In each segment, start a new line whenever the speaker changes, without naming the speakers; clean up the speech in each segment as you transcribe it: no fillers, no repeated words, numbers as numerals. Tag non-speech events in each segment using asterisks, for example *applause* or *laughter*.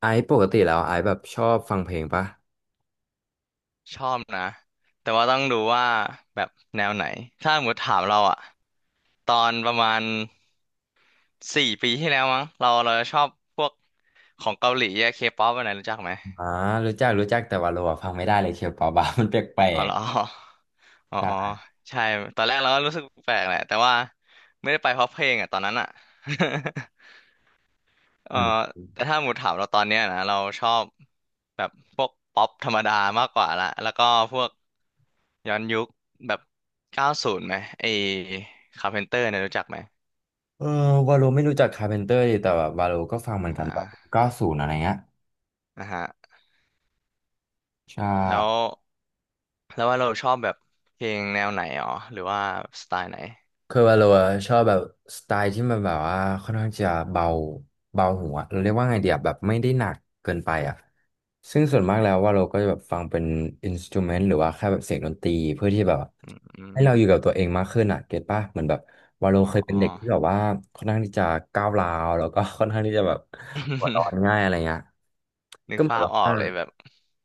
ไอซ์ปกติแล้วไอซ์แบบชอบฟังเพลงปะ
ชอบนะแต่ว่าต้องดูว่าแบบแนวไหนถ้าหมดถามเราอะตอนประมาณ4 ปีที่แล้วมั้งเราจะชอบพวกของเกาหลีอะเคป๊อปอะไรรู้จักไหม
อ่ารู้จักรู้จักแต่วาโลอะฟังไม่ได้เลยเคียวปาบา *laughs* มันแปล
อ๋อ
ก
เหรอ *laughs* อ๋
ๆ
ออ๋อ
ใช่
ใช่ตอนแรกเราก็รู้สึกแปลกแหละแต่ว่าไม่ได้ไปเพราะเพลงอะตอนนั้นอะ *laughs* เออ
อืม
แต่ถ้าหมูถามเราตอนเนี้ยนะเราชอบแบบพวกป๊อปธรรมดามากกว่าละแล้วก็พวก ย้อนยุคแบบ90ไหมไอ้คาร์เพนเตอร์เนี่ยรู้จักไหม
เออวาโลไม่รู้จักคาร์เพนเตอร์ดีแต่แบบวาโลก็ฟังเห
อ
มือนกันแบบ
่า
เก้าศูนย์อะไรเงี้ย
นะฮะ
ใช่
แล้วแล้วว่าเราชอบแบบเพลงแนวไหนอ๋อหรือว่าสไตล์ไหน
คือว่าเราอะชอบแบบสไตล์ที่มันแบบว่าค่อนข้างจะเบาเบาหัวเราเรียกว่าไงเดียแบบไม่ได้หนักเกินไปอ่ะซึ่งส่วนมากแล้วว่าเราก็จะแบบฟังเป็นอินสตูเมนต์หรือว่าแค่แบบเสียงดนตรีเพื่อที่แบบ
อืมอ
ให้
ม
เราอยู่กับตัวเองมากขึ้นอ่ะเก็ตป่ะเหมือนแบบว่าเรา
อ๋อ
เคย
*laughs*
เป็
อ๋
น
อ
เด็กที่แบบว่าค่อนข้างที่จะก้าวร้าวแล้วก็ค่อนข้างที่จะแบบหัวร้อนง่าย
*laughs*
อะไรเงี้ย
นึ
ก็
ก
เหมือ
ภา
น
พ
ว่
ออ
า
กเลยแบบ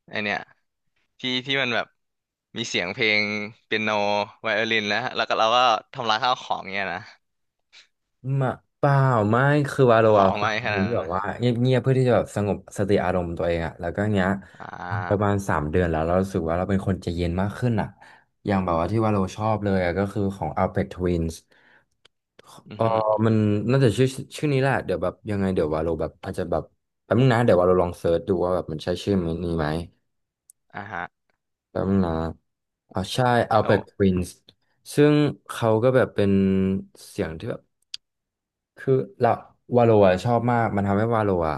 ไอเนี่ยที่มันแบบมีเสียงเพลงเปียโนไวโอลินแล้วก็เราก็ทำลายข้าวของเนี่ยนะ
มาเปล่าไม่คือวาโล
หอ
อะฟั
ไม่
ง
ข
เป็นค
นาด
ที่
นั้น
แบบว่า
นะ
เงียบๆเพื่อที่จะแบบสงบสติอารมณ์ตัวเองอะแล้วก็เนี้ย
อ่
ประ
า
มาณสามเดือนแล้วเรารู้สึกว่าเราเป็นคนใจเย็นมากขึ้นอะอย่างแบบว่าที่วาโลชอบเลยอะก็คือของ Alpha Twins
อื
เอ
อ
อ
ฮึ
มันน่าจะชื่อชื่อนี้แหละเดี๋ยวแบบยังไงเดี๋ยววาโลแบบอาจจะแบบแป๊บนึงนะเดี๋ยววาโลลองเซิร์ชดูว่าแบบมันใช่ชื่อนี้ไหม
อ่าฮะ
แป๊บนึงนะอ๋อใช่
แล้
Alpha
ว
Twins ซึ่งเขาก็แบบเป็นเสียงที่แบบ คือเราวาโลอะชอบมากมันทำให้วาโลอะ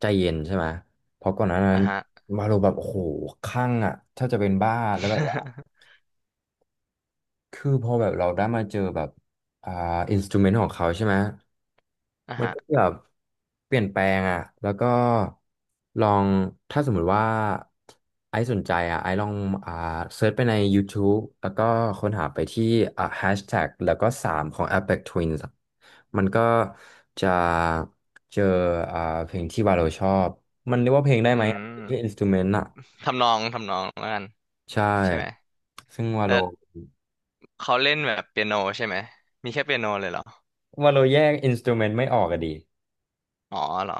ใจเย็นใช่ไหมเพราะก่อนหน้านั้
อ่า
น
ฮะ
วาโลแบบโอ้โหคลั่งอะแทบจะเป็นบ้าแล้วแบบ คือพอแบบเราได้มาเจอแบบอ่าอินสตูเมนต์ของเขาใช่ไหม
*laughs* อ่า
มัน
ฮะ
ก็แบบเปลี่ยนแปลงอ่ะแล้วก็ลองถ้าสมมุติว่าไอซ์สนใจอ่ะไอซ์ลองอ่าเซิร์ชไปใน YouTube แล้วก็ค้นหาไปที่แฮชแท็กแล้วก็สามของ Apex Twins อะมันก็จะเจออ่าเพลงที่วาโลชอบ มันเรียกว่าเพลงได้
อื
ไหมแค่อิน
ม
สตูเมนต์อ่ะ
ทำนองแล้วกัน
ใช
ใช่ไหม
่ ซึ่งวาโล
แล้วเขาเล่นแบบเปียโนใช่ไหม มีแค่เปียโนเลยเหรอ
วาโลแยกอินสตูเมนต์ไม่ออกอะดี
อ๋อเหรอ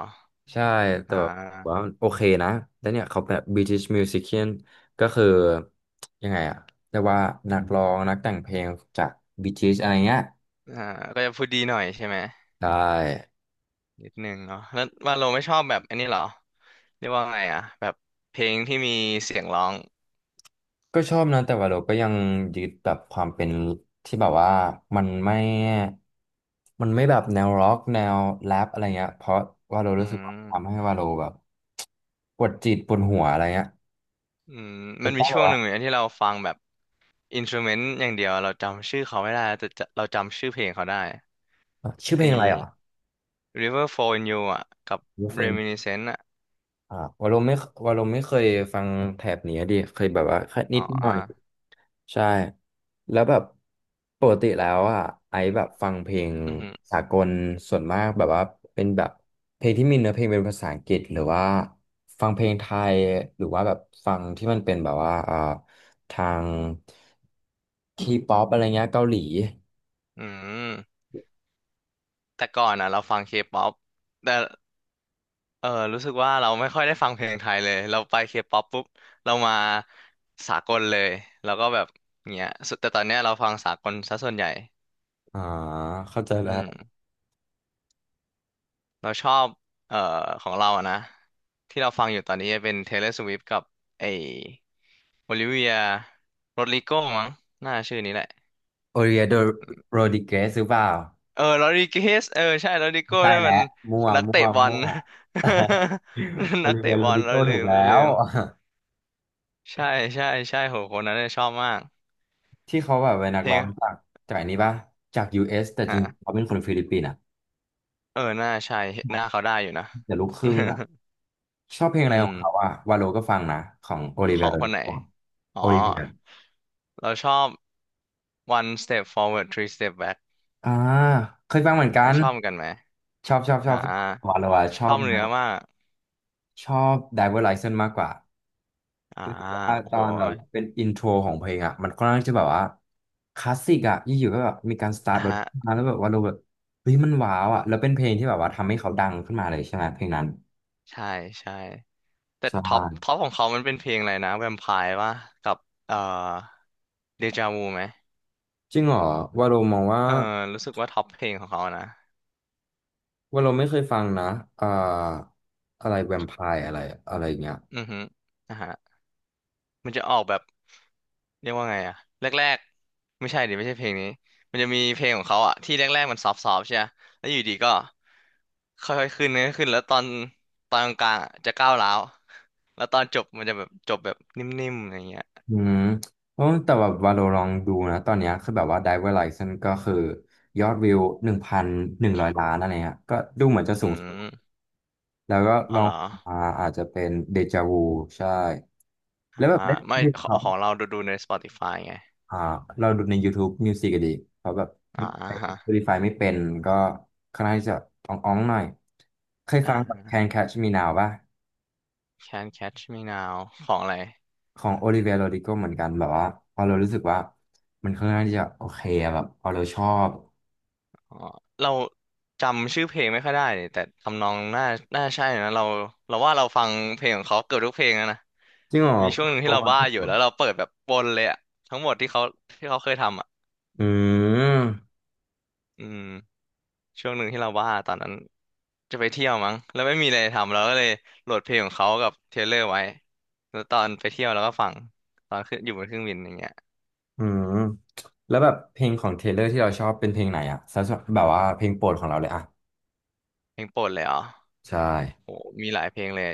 ใช่แต่
อ่
แบบว่า
า
โอเคนะแล้วเนี่ยเขาแบบ British Musician ก็คือยังไงอะเรียกว่านักร้องนักแต่งเพลงจาก British อะไรเงี้ย
อ่าก็จะพูดดีหน่อยใช่ไหม
ได้
นิดนึงเนาะแล้วว่าเราไม่ชอบแบบอันนี้เหรอเรียกว่าไงอ่ะแบบเพลงที่มีเสียงร้อง
ก็ชอบนะแต่ว่าเราก็ยังยึดแบบความเป็นที่แบบว่ามันไม่ มันไม่แบบแนวร็อกแนวแรปอะไรเงี้ยเพราะว่าเรา
อื
รู้สึกว่าทำ
ม
ให้ว่าเราแบบปวดจิตปวดหัวอะไรเงี้ย
อืม
เป็
มั
น
น
ต้
มี
อแบ
ช่
บ
วงห
ว่า
นึ่งเหมือนกันที่เราฟังแบบอินสต u เมนต์อย่างเดียวเราจำชื่อเขาไม่ได้แต่จะเราจำชื่อเพลงเขาได้
ชื่อเพ
ไอ้
ลงอะไรเหรอ
River Flow in You อ่ะกับ Reminiscence อ่ะ
อ่าวอลลุ่มไม่วอลลุ่มไม่เคยฟังแถบนี้ดิเคยแบบว่าแค่
อ๋
นิ
อ
ดหน่
อ่ะ
อยใช่แล้วแบบปกติแล้วอ่ะไอซ์แบบฟังเพลง
อือหือ
สากลส่วนมากแบบว่าเป็นแบบเพลงที่มีเนื้อเพลงเป็นภาษาอังกฤษหรือว่าฟังเพลงไทยหรือว่าแบบฟังที่มันเป็นแบบว่าทางทีป๊อปอะไรเงี้ยเกาหลี
อืม แต่ก่อนอ่ะเราฟังเคป๊อปแต่เออรู้สึกว่าเราไม่ค่อยได้ฟังเพลงไทยเลยเราไปเคป๊อปปุ๊บเรามาสากลเลยแล้วก็แบบเงี้ยสุดแต่ตอนเนี้ยเราฟังสากลซะส่วนใหญ่
อ่าเข้าใจ
อื
แล้ว
มเราชอบเอ่อของเราอะนะที่เราฟังอยู่ตอนนี้เป็น Taylor Swift กับไอ้ Olivia Rodrigo มั้งน่าชื่อนี้แหละ
โอเลียโดโรดิเกสหรือเปล่า
เออ Rodriguez เออใช่
ไม่
Rodrigo
ใช่
นั่น
แล้ว
มัน
มั่ว
นัก
มั่
เตะ
ว
บอ
มั่
ล
ว *laughs* โอ
*laughs* นัก
ลิเวี
เตะ
ย
บ
โร
อล
ดิโก
เรา
ถู
ลื
ก
ม
แล้
เราลื
ว
ม
*laughs*
ใช่ใช่ใช่โหคนนั้นเนี่ยชอบมาก
ที่เขาแบบเป็นนัก
เพล
ร้อ
ง
งจากจากอันนี้ป่ะจาก US แต่จริงๆ
อ่ะ
เขาเป็นคนฟิลิปปินส์อ่ะ
เออหน้าใช่หน้าเขาได้อยู่นะ
แต่ลูกครึ่งอ่ะชอบเพลง
*laughs*
อะไร
อื
ขอ
ม
งเขาอ่ะวาโลก็ฟังนะของโอลิ
ข
เวีย
อง
โร
ค
ดิ
นไหน
โก
อ๋อ
โอลิเวีย
เราชอบ one step forward three step back
อ่าเคยฟังเหมือนกัน
ชอบเหมือนกันไหม
ชอบชอบชอ
อ่า
บวาโลอะช
ช
อ
อ
บ
บเนื้อมาก
ชอบไดเวอร์ไลเซนมากกว่า
อ่าโอ้
ตอ
โห
นแบบเป็นอินโทรของเพลงอ่ะมันค่อนข้างจะแบบว่าคลาสสิกอ่ะอยู่ๆก็แบบมีการสตาร์ท
อ่ะ
รถ
ฮะ
มาแล้วแบบว่าเราแบบเฮ้ยมันว้าวอ่ะแล้วเป็นเพลงที่แบบว่าทำให้เขาดังขึ้นมาเลยใช่ไหมเพลงนั้น
ใช่ใช่แต่
ใช่
ท็อปของเขามันเป็นเพลงอะไรนะแวมไพร์วะกับเอ่อเดจาวูไหม
จริงเหรอว่าเรามองว่า
เออรู้สึกว่าท็อปเพลงของเขานะ
ว่าเราไม่เคยฟังนะอ่าอะไรแวมไพร์อะไรอะไรเงี้ย
อือฮึอ่า มันจะออกแบบเรียกว่าไงอะแรกๆไม่ใช่ดิไม่ใช่เพลงนี้มันจะมีเพลงของเขาอะที่แรกๆมันซอฟต์ๆใช่ไหมแล้วอยู่ดีก็ค่อยๆขึ้นนะขึ้นแล้วตอนตอนกลางๆอะจะก้าวร้าวแล้วตอนจบมันจะแบบจบแบบนิ่มๆอะไรเงี้ย
อืมเพราะแต่แบบว่าเราลองดูนะตอนเนี้ยคือแบบว่า Driver License ก็คือยอดวิวหนึ่งพันหนึ่งร้อยล้านอะไรเงี้ยก็ดูเหมือนจะสู
อื
ง
ม
แล้วก็
อ๋อ
ลอ
เห
ง
รอ
มาอาจจะเป็นเดจาวูใช่
อ่า
แล้วแบบได้
ไม่
เ
ขอ
เขา
งของเราดูใน Spotify ไง
อ่าเราดูใน YouTube Music อะดีเขาแบบ
อ่าฮะ
Spotify ไม่เป็นก็ค่อนข้างที่จะอ่องๆหน่อยเคยฟังแบบ
อ่า
Can Catch Me Now ป่ะ
Can Catch Me Now ของอะไร
ของ Olivia Rodrigo เหมือนกันแบบว่าพอเรารู้สึกว่ามันค่อนข้างที่จะโอเคอะแบบพอเราชอบ
อ๋อเราจำชื่อเพลงไม่ค่อยได้นี่แต่ทำนองน่าใช่นะเราเราว่าเราฟังเพลงของเขาเกือบทุกเพลงแล้วนะ
จริงเหรอ
มีช่วงหนึ่ง
พ
ที่
อ
เราบ้า
ที่
อยู่
สุด
แล้วเราเปิดแบบวนเลยอะทั้งหมดที่เขาที่เขาเคยทำอะ
อืม
อืมช่วงหนึ่งที่เราบ้าตอนนั้นจะไปเที่ยวมั้งแล้วไม่มีอะไรทำเราก็เลยโหลดเพลงของเขากับเทรลเลอร์ไว้แล้วตอนไปเที่ยวเราก็ฟังตอนขึ้นอยู่บนเครื่องบินอย่างเงี้ย
อืมแล้วแบบเพลงของเทเลอร์ที่เราชอบเป็นเพลงไหนอะสำหรับแบบว่าเพลงโปรดของเราเลยอะ
เพลงโปรดเลยอ๋อ
ใช่
โอ้มีหลายเพลงเลย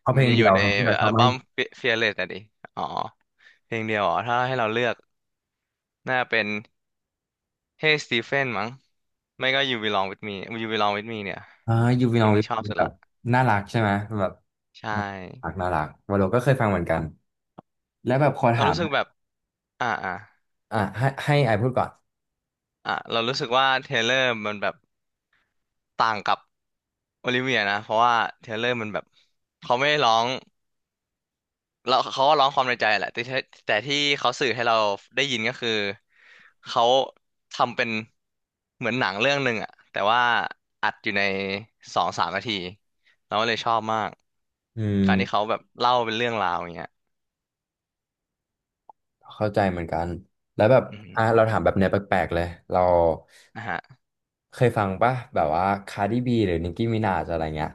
เพราะเพ
มั
ล
น
ง
จะอ
เดี
ยู่
ยว
ใน
ไงที่เราช
อั
อบ
ล
ไหม
บั้ม Fearless นะดิ อ๋อ เพลงเดียวอ๋อถ้าให้เราเลือกน่าเป็น Hey Stephen มั้งไม่ก็ You Belong With Me You Belong With Me เนี่ย
อ่ายูวี
เพ
น
ล
อ
ง
วิ
นี้ชอบสุด
แบบ
ละ
น่ารักใช่ไหมแบบ
ใช่
น่ารักวาโลก็เคยฟังเหมือนกันแล้วแบบขอ
เรา
ถาม
รู้สึกแบบอ่าอ่า
อ่ะให้ไอพูดก่อน
เรารู้สึกว่าเทเลอร์มันแบบต่างกับโอลิเวียนะ เพราะว่าเทเลอร์มันแบบเขาไม่ได้ร้อง แล้วเขาก็ร้องความในใจแหละแต่ที่เขาสื่อให้เราได้ยินก็คือเขาทำเป็นเหมือนหนังเรื่องหนึ่งอะแต่ว่าอัดอยู่ในสองสามนาทีเราก็เลยชอบมาก
อืม
การที่เขาแบบเล่าเป็นเรื่องราวอย่างเงี้ย
เข้าใจเหมือนกันแล้วแบบ
อืม
อ่ะเราถามแบบเนี้ยแปลกๆเลยเรา
นะฮะ
เคยฟังป่ะแบบว่าคาร์ดิบีหรือนิกกี้มินาจอะไรเงี้ย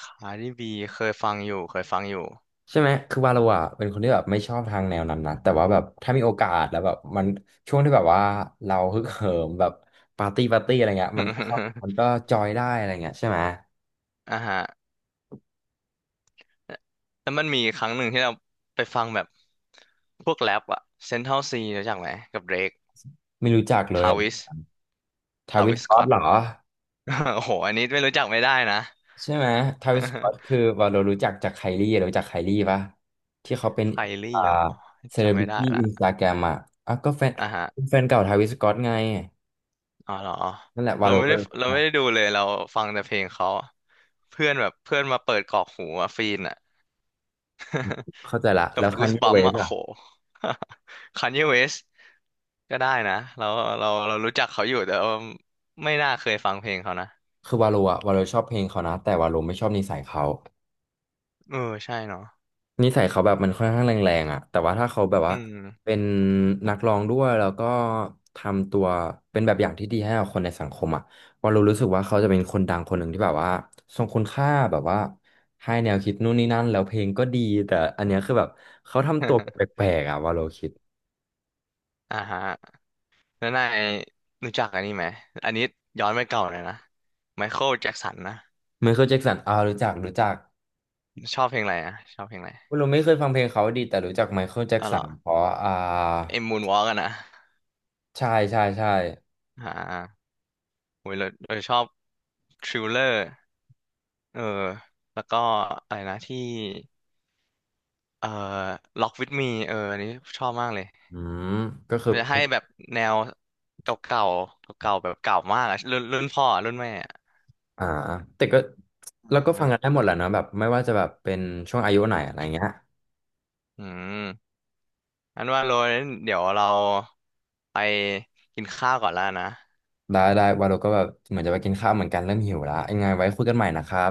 คาร์ดิบีเคยฟังอยู่เคยฟังอยู่
ใช่ไหมคือวาโลอ่ะเป็นคนที่แบบไม่ชอบทางแนวนั้นนะแต่ว่าแบบถ้ามีโอกาสแล้วแบบมันช่วงที่แบบว่าเราฮึกเหิมแบบปาร์ตี้อะไรเงี้ยมันก็เข้ามันก็
*laughs*
จอยได้อะไรเงี้ยใช่ไหม
อ่าฮะแล้วมันมีครั้งหนึ่งที่เราไปฟังแบบพวกแรปอะเซนทรัลซีรู้จักไหมกับเดรก
ไม่รู้จักเลย
ทาวิส
ทา
ทา
วิส
วิสส
ก็อ
ก็
ตเหรอ
*laughs* โอ้โหอันนี้ไม่รู้จักไม่ได้นะ
ใช่ไหมทาวิสก็อตคือ
*laughs*
วาโลรู้จักจากไคลี่รู้จักไคลี่ปะที่เขาเป็น
ไคลี่
อ่า
เหรอ
เซเล
จำ
บริ
ไม่ได้
ตี้อิ
ละ
นสตาแกรมอ่ะอ่ะก็แฟน
อ่ะฮะ
แฟนเก่าทาวิสก็อตไง
อ๋อเหรอ
นั่นแหละวา
เรา
โล
ไม่
ก็
ได้
เลย
เราไม่ได้ดูเลยเราฟังแต่เพลงเขาเพื่อนแบบเพื่อนมาเปิดกรอกหูอะฟีนอะ *laughs*
เข้าใจละ
กั
แล้
บ
ว
กู
คัน
ส
ยี
บั
เว
ม
ส
อะโห *laughs* คานเยเวสก็ได้นะเรารู้จักเขาอยู่แต่ว่าไม่น่าเคยฟังเพลงเขานะ
คือวาโลอะวาโลชอบเพลงเขานะแต่วาโลไม่ชอบนิสัยเขา
เออใช่เนาะ
นิสัยเขาแบบมันค่อนข้างแรงๆอะแต่ว่าถ้าเขาแบบ
อื
ว่า
ม
เป็นนักร้องด้วยแล้วก็ทำตัวเป็นแบบอย่างที่ดีให้กับคนในสังคมอะวาโลรู้สึกว่าเขาจะเป็นคนดังคนหนึ่งที่แบบว่าทรงคุณค่าแบบว่าให้แนวคิดนู่นนี่นั่นแล้วเพลงก็ดีแต่อันเนี้ยคือแบบเขาทำตัวแปลกๆอะวาโลคิด
*laughs* อ่าฮะแล้วนายรู้จักอันนี้ไหมอันนี้ย้อนไปเก่าเลยนะไมเคิลแจ็กสันนะ
ไมเคิลแจ็กสันอ่ารู้จักรู้จัก
ชอบเพลงอะไรอ่ะชอบเพลงอะไร
วาโลไม่เคยฟังเพลงเขาดีแต่รู้จักไมเคิลแจ็ก
อ๋อเห
สั
รอ
นเพราะอ่า
ไอ้มูนวอล์กอะนะ
ใช่ใช่ใช่
อ่าโอ้ยเราชอบทริลเลอร์เออแล้วก็อะไรนะที่เอ่อล็อกวิดมีเอออันนี้ชอบมากเลย
อืมก็คือ
มันจะให้แบบแนวเก่าๆเก่าๆแบบเก่ามากอะรุ่นรุ่นพ่ออะรุ่นแม่อะ
อ่าแต่ก็
อ่
เราก็ฟังกันได้
า
หมดแหละเนอะแบบไม่ว่าจะแบบเป็นช่วงอายุไหนอะไรเงี้ย
อืมอันว่าโรยเดี๋ยวเราไปกินข้าวก่อนแล้วนะ
ได้ได้วาโลก็แบบเหมือนจะไปกินข้าวเหมือนกันเริ่มหิวและยังไงไว้คุยกันใหม่นะครับ